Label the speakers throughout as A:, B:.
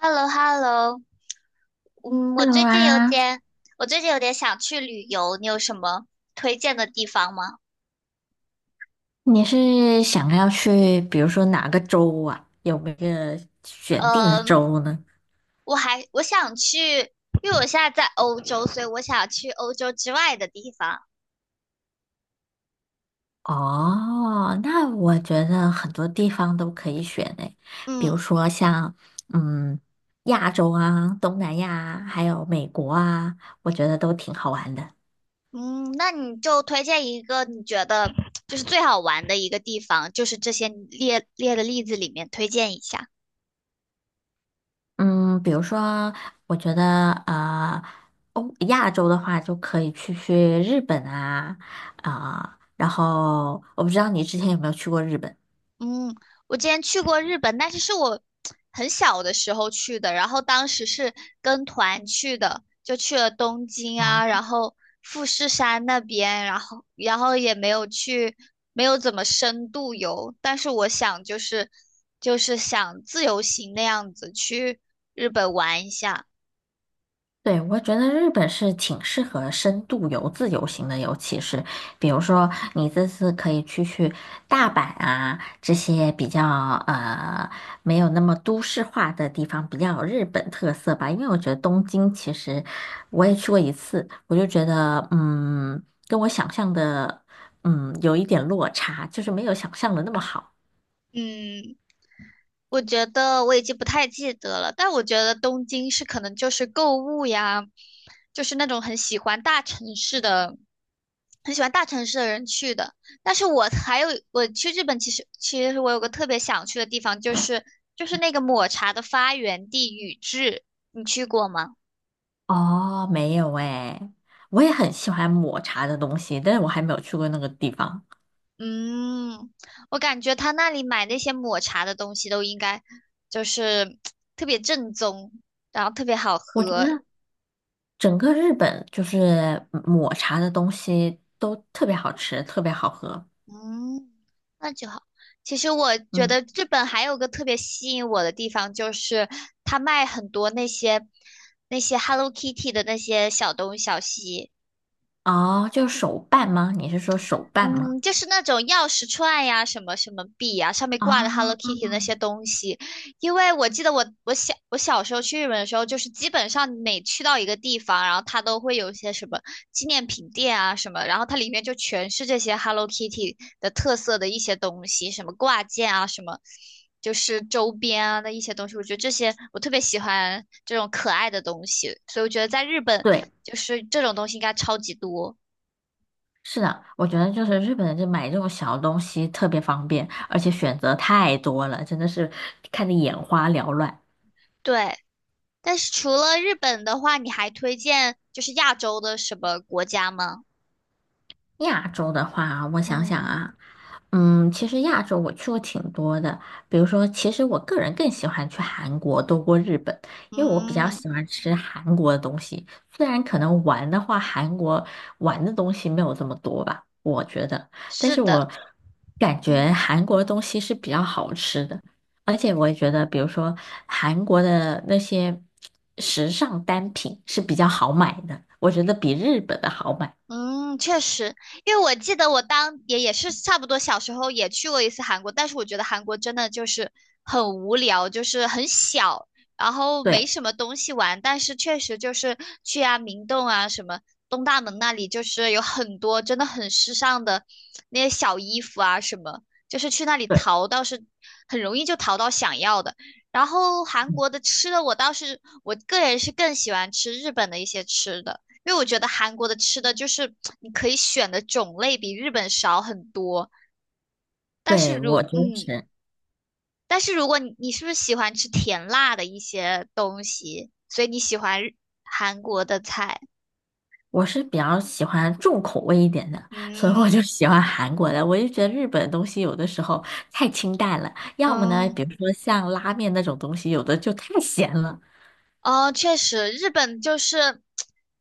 A: h e l l o h e l l o 嗯，我
B: Hello
A: 最近有
B: 啊。
A: 点，我最近有点想去旅游，你有什么推荐的地方吗？
B: 你是想要去，比如说哪个州啊？有没有选定的
A: 呃，
B: 州呢？
A: 我想去，因为我现在在欧洲，所以我想去欧洲之外的地方。
B: 哦，那我觉得很多地方都可以选诶，比如
A: 嗯
B: 说像嗯亚洲啊、东南亚啊还有美国啊，我觉得都挺好玩的。
A: 嗯，那你就推荐一个你觉得就是最好玩的一个地方，就是这些你列的例子里面推荐一下。
B: 嗯，比如说，我觉得欧亚洲的话就可以去日本啊。啊，然后我不知道你之前有没有去过日本。
A: 嗯，我之前去过日本，但是是我很小的时候去的，然后当时是跟团去的，就去了东京啊，然后富士山那边，然后也没有去，没有怎么深度游，但是我想就是想自由行那样子去日本玩一下。
B: 对，我觉得日本是挺适合深度游、自由行的，尤其是比如说你这次可以去大阪啊这些比较呃没有那么都市化的地方，比较有日本特色吧。因为我觉得东京其实我也去过一次，我就觉得跟我想象的有一点落差，就是没有想象的那么好。
A: 嗯，我觉得我已经不太记得了，但我觉得东京是可能就是购物呀，就是那种很喜欢大城市的。很喜欢大城市的人去的。但是我还有我去日本，其实我有个特别想去的地方，就是那个抹茶的发源地宇治，你去过吗？
B: 哦，没有诶，我也很喜欢抹茶的东西，但是我还没有去过那个地方。
A: 嗯，我感觉他那里买那些抹茶的东西都应该就是特别正宗，然后特别好
B: 我觉
A: 喝，
B: 得整个日本就是抹茶的东西都特别好吃，特别好喝。
A: 嗯，那就好。其实我觉
B: 嗯，
A: 得日本还有个特别吸引我的地方，就是它卖很多那些 Hello Kitty 的那些小东小西，
B: 哦，就是手办吗？你是说手办吗？
A: 嗯，就是那种钥匙串呀，什么什么币呀，上面
B: 啊，
A: 挂的 Hello Kitty 那些东西。因为我记得我我小时候去日本的时候，就是基本上每去到一个地方，然后它都会有一些什么纪念品店啊什么，然后它里面就全是这些 Hello Kitty 的特色的一些东西，什么挂件啊，什么就是周边啊的一些东西。我觉得这些我特别喜欢这种可爱的东西，所以我觉得在日本
B: 对，
A: 就是这种东西应该超级多。
B: 是的，我觉得就是日本人就买这种小东西特别方便，而且选择太多了，真的是看得眼花缭乱。
A: 对。但是除了日本的话，你还推荐就是亚洲的什么国家吗？
B: 亚洲的话啊，我想
A: 嗯
B: 想啊。嗯，其实亚洲我去过挺多的，比如说，其实我个人更喜欢去韩国多过日本，因为我比较
A: 嗯，
B: 喜欢吃韩国的东西，虽然可能玩的话，韩国玩的东西没有这么多吧，我觉得，但
A: 是
B: 是
A: 的，
B: 我感觉
A: 嗯。
B: 韩国的东西是比较好吃的。而且我也觉得，比如说韩国的那些时尚单品是比较好买的，我觉得比日本的好买。
A: 嗯，确实，因为我记得我当也是差不多小时候也去过一次韩国，但是我觉得韩国真的就是很无聊，就是很小，然后没
B: 对。
A: 什么东西玩，但是确实就是去啊明洞啊什么东大门那里，就是有很多真的很时尚的那些小衣服啊什么，就是去那里
B: 对。
A: 淘倒是很容易就淘到想要的。然后韩
B: 嗯，
A: 国的吃的我倒是我个人是更喜欢吃日本的一些吃的。因为我觉得韩国的吃的就是你可以选的种类比日本少很多，但是
B: 对，我就是，
A: 但是如果你是不是喜欢吃甜辣的一些东西，所以你喜欢韩国的菜？
B: 我是比较喜欢重口味一点的，所以我
A: 嗯
B: 就喜欢韩国的。我就觉得日本的东西有的时候太清淡了，要么呢，比
A: 嗯，
B: 如说像拉面那种东西，有的就太咸了。
A: 哦，确实，日本就是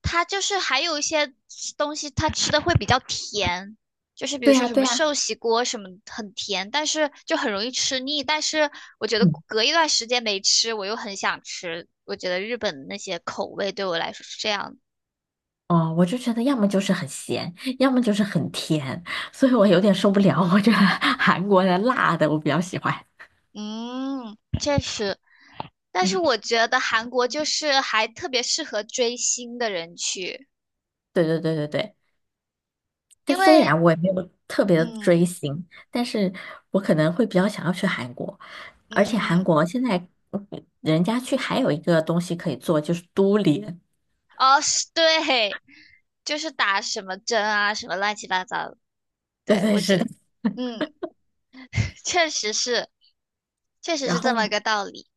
A: 它就是还有一些东西，它吃的会比较甜，就是比如
B: 对
A: 说
B: 呀，
A: 什
B: 对
A: 么
B: 呀。
A: 寿喜锅什么很甜，但是就很容易吃腻。但是我觉得
B: 嗯，
A: 隔一段时间没吃，我又很想吃。我觉得日本那些口味对我来说是这样的。
B: 哦，我就觉得要么就是很咸，要么就是很甜，所以我有点受不了。我觉得韩国的辣的我比较喜欢。
A: 嗯，确实，但是
B: 嗯，
A: 我觉得韩国就是还特别适合追星的人去，
B: 对对对对对，但
A: 因
B: 虽
A: 为
B: 然我也没有特别的追
A: 嗯
B: 星，但是我可能会比较想要去韩国，而且韩
A: 嗯。
B: 国现在嗯人家去还有一个东西可以做，就是都联。
A: 哦，是对，就是打什么针啊，什么乱七八糟的。
B: 对
A: 对，
B: 对，
A: 我觉
B: 是的。
A: 得，嗯，确实是，确实
B: 然
A: 是这
B: 后
A: 么个道理。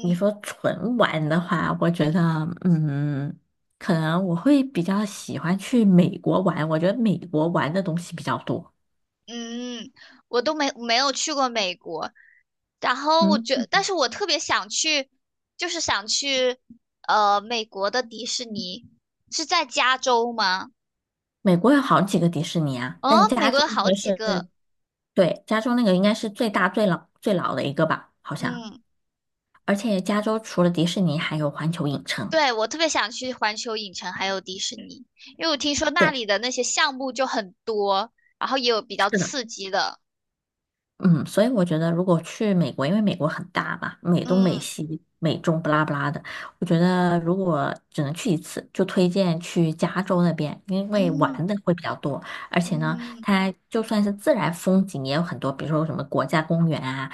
B: 你说纯玩的话，我觉得嗯，可能我会比较喜欢去美国玩，我觉得美国玩的东西比较多。
A: 嗯，我都没有去过美国，然后我
B: 嗯，
A: 觉但是我特别想去，就是想去，美国的迪士尼是在加州吗？
B: 美国有好几个迪士尼啊，但
A: 哦，
B: 是
A: 美
B: 加
A: 国
B: 州
A: 有
B: 那
A: 好
B: 个
A: 几
B: 是，
A: 个，
B: 对，加州那个应该是最大最老的一个吧，好像。
A: 嗯。
B: 而且加州除了迪士尼，还有环球影城。
A: 对，我特别想去环球影城还有迪士尼，因为我听说那
B: 对，
A: 里的那些项目就很多，然后也有比较
B: 是的。
A: 刺激的。
B: 嗯，所以我觉得如果去美国，因为美国很大嘛，美东、美
A: 嗯
B: 西、美中不拉不拉的，我觉得如果只能去一次，就推荐去加州那边，因为玩
A: 嗯
B: 的会比较多，而且呢，
A: 嗯
B: 它就算是自然风景也有很多，比如说什么国家公园啊。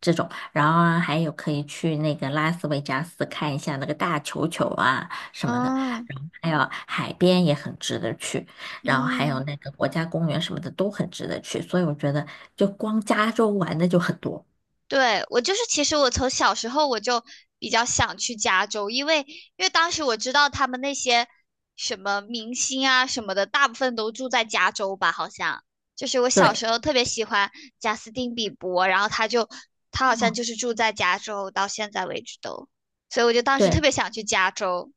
B: 这种，然后啊还有可以去那个拉斯维加斯看一下那个大球球啊什么的。
A: 嗯
B: 还有海边也很值得去，然后还有
A: 嗯。
B: 那个国家公园什么的都很值得去，所以我觉得就光加州玩的就很多。
A: 对，我就是，其实我从小时候我就比较想去加州，因为当时我知道他们那些什么明星啊什么的，大部分都住在加州吧，好像。就是我小
B: 对，
A: 时候特别喜欢贾斯汀比伯，然后他好像
B: 哦，
A: 就是住在加州，到现在为止都，所以我就当时特
B: 对，
A: 别想去加州。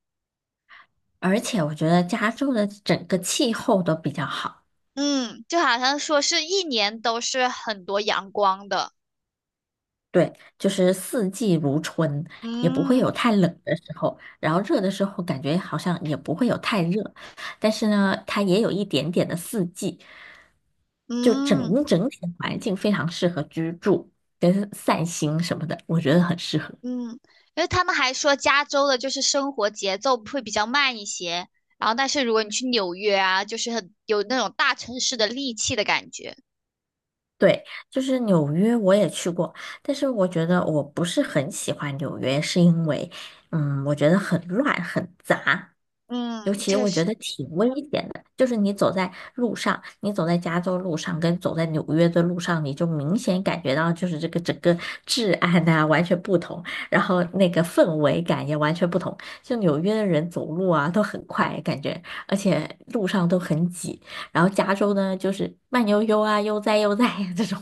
B: 而且我觉得加州的整个气候都比较好。
A: 嗯，就好像说是一年都是很多阳光的。
B: 对，就是四季如春，也不会
A: 嗯
B: 有太冷的时候，然后热的时候感觉好像也不会有太热，但是呢，它也有一点点的四季，就
A: 嗯。
B: 整体的环境非常适合居住跟散心什么的，我觉得很适合。
A: 嗯，因为他们还说加州的就是生活节奏会比较慢一些，然后但是如果你去纽约啊，就是很有那种大城市的戾气的感觉。
B: 对，就是纽约我也去过，但是我觉得我不是很喜欢纽约，是因为嗯，我觉得很乱很杂，尤
A: 嗯，
B: 其
A: 确
B: 我觉
A: 实，
B: 得挺危险的，就是你走在路上，你走在加州路上跟走在纽约的路上，你就明显感觉到就是这个整个治安啊完全不同，然后那个氛围感也完全不同。就纽约的人走路啊都很快，感觉而且路上都很挤，然后加州呢就是慢悠悠啊悠哉悠哉呀这种。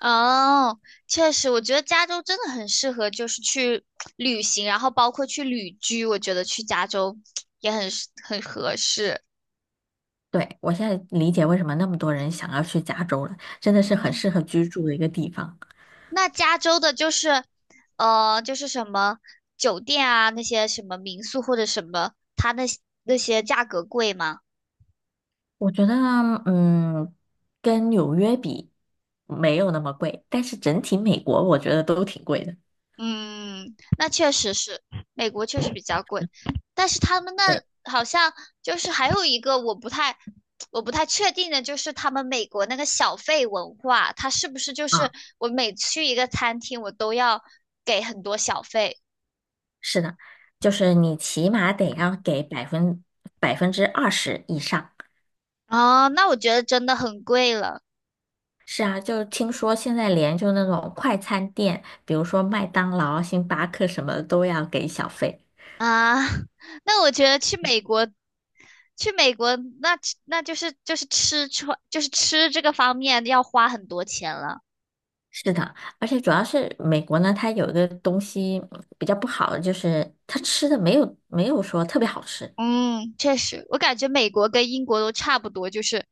A: 哦，确实，我觉得加州真的很适合就是去旅行，然后包括去旅居，我觉得去加州也很合适。
B: 对，我现在理解为什么那么多人想要去加州了，真的是很
A: 嗯，
B: 适合居住的一个地方。
A: 那加州的就是，就是什么酒店啊，那些什么民宿或者什么，它那那些价格贵吗？
B: 我觉得嗯，跟纽约比没有那么贵，但是整体美国我觉得都挺贵的。
A: 嗯，那确实是，美国确实比较贵，但是他们那
B: 对，
A: 好像就是还有一个我不太确定的，就是他们美国那个小费文化，它是不是就是
B: 啊，
A: 我每去一个餐厅，我都要给很多小费？
B: 是的，就是你起码得要给20%以上。
A: 哦，那我觉得真的很贵了
B: 是啊，就听说现在连就那种快餐店，比如说麦当劳、星巴克什么的都要给小费。
A: 啊。那我觉得去美国，去美国那那就是吃穿就是吃这个方面要花很多钱了。
B: 是的，而且主要是美国呢，它有一个东西比较不好的，就是它吃的没有说特别好吃。
A: 嗯，确实，我感觉美国跟英国都差不多，就是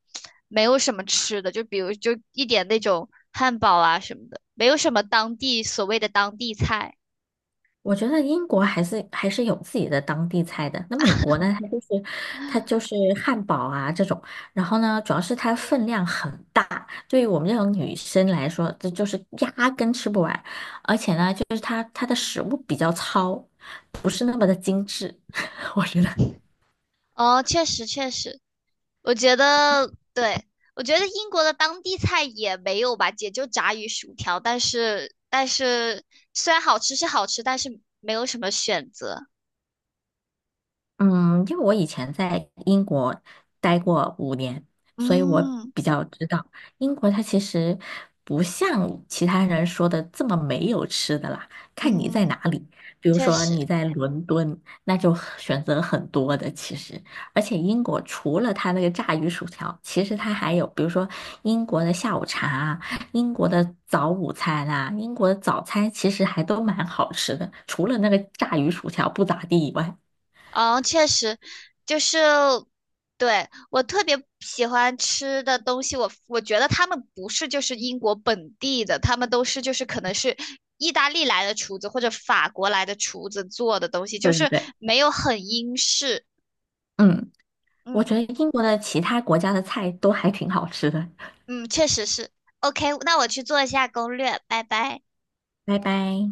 A: 没有什么吃的，就比如就一点那种汉堡啊什么的，没有什么当地所谓的当地菜。
B: 我觉得英国还是有自己的当地菜的。那美国呢，它就是汉堡啊这种，然后呢，主要是它分量很大，对于我们这种女生来说，这就是压根吃不完。而且呢，就是它的食物比较糙，不是那么的精致，我觉得。
A: 哦，确实，我觉得对，我觉得英国的当地菜也没有吧，也就炸鱼薯条，但是虽然好吃是好吃，但是没有什么选择。
B: 嗯，因为我以前在英国待过5年，所以我
A: 嗯
B: 比较知道英国它其实不像其他人说的这么没有吃的啦，看你在哪
A: 嗯，
B: 里。比如
A: 确
B: 说
A: 实。
B: 你在伦敦，那就很选择很多的其实，而且英国除了它那个炸鱼薯条，其实它还有比如说英国的下午茶啊，英国的早午餐啊，英国的早餐其实还都蛮好吃的，除了那个炸鱼薯条不咋地以外。
A: 嗯，确实，就是对我特别喜欢吃的东西，我觉得他们不是就是英国本地的，他们都是就是可能是意大利来的厨子或者法国来的厨子做的东西，就
B: 对对
A: 是
B: 对。
A: 没有很英式。
B: 嗯，我
A: 嗯
B: 觉得英国的其他国家的菜都还挺好吃的。
A: 嗯，确实是。OK,那我去做一下攻略，拜拜。
B: 拜拜。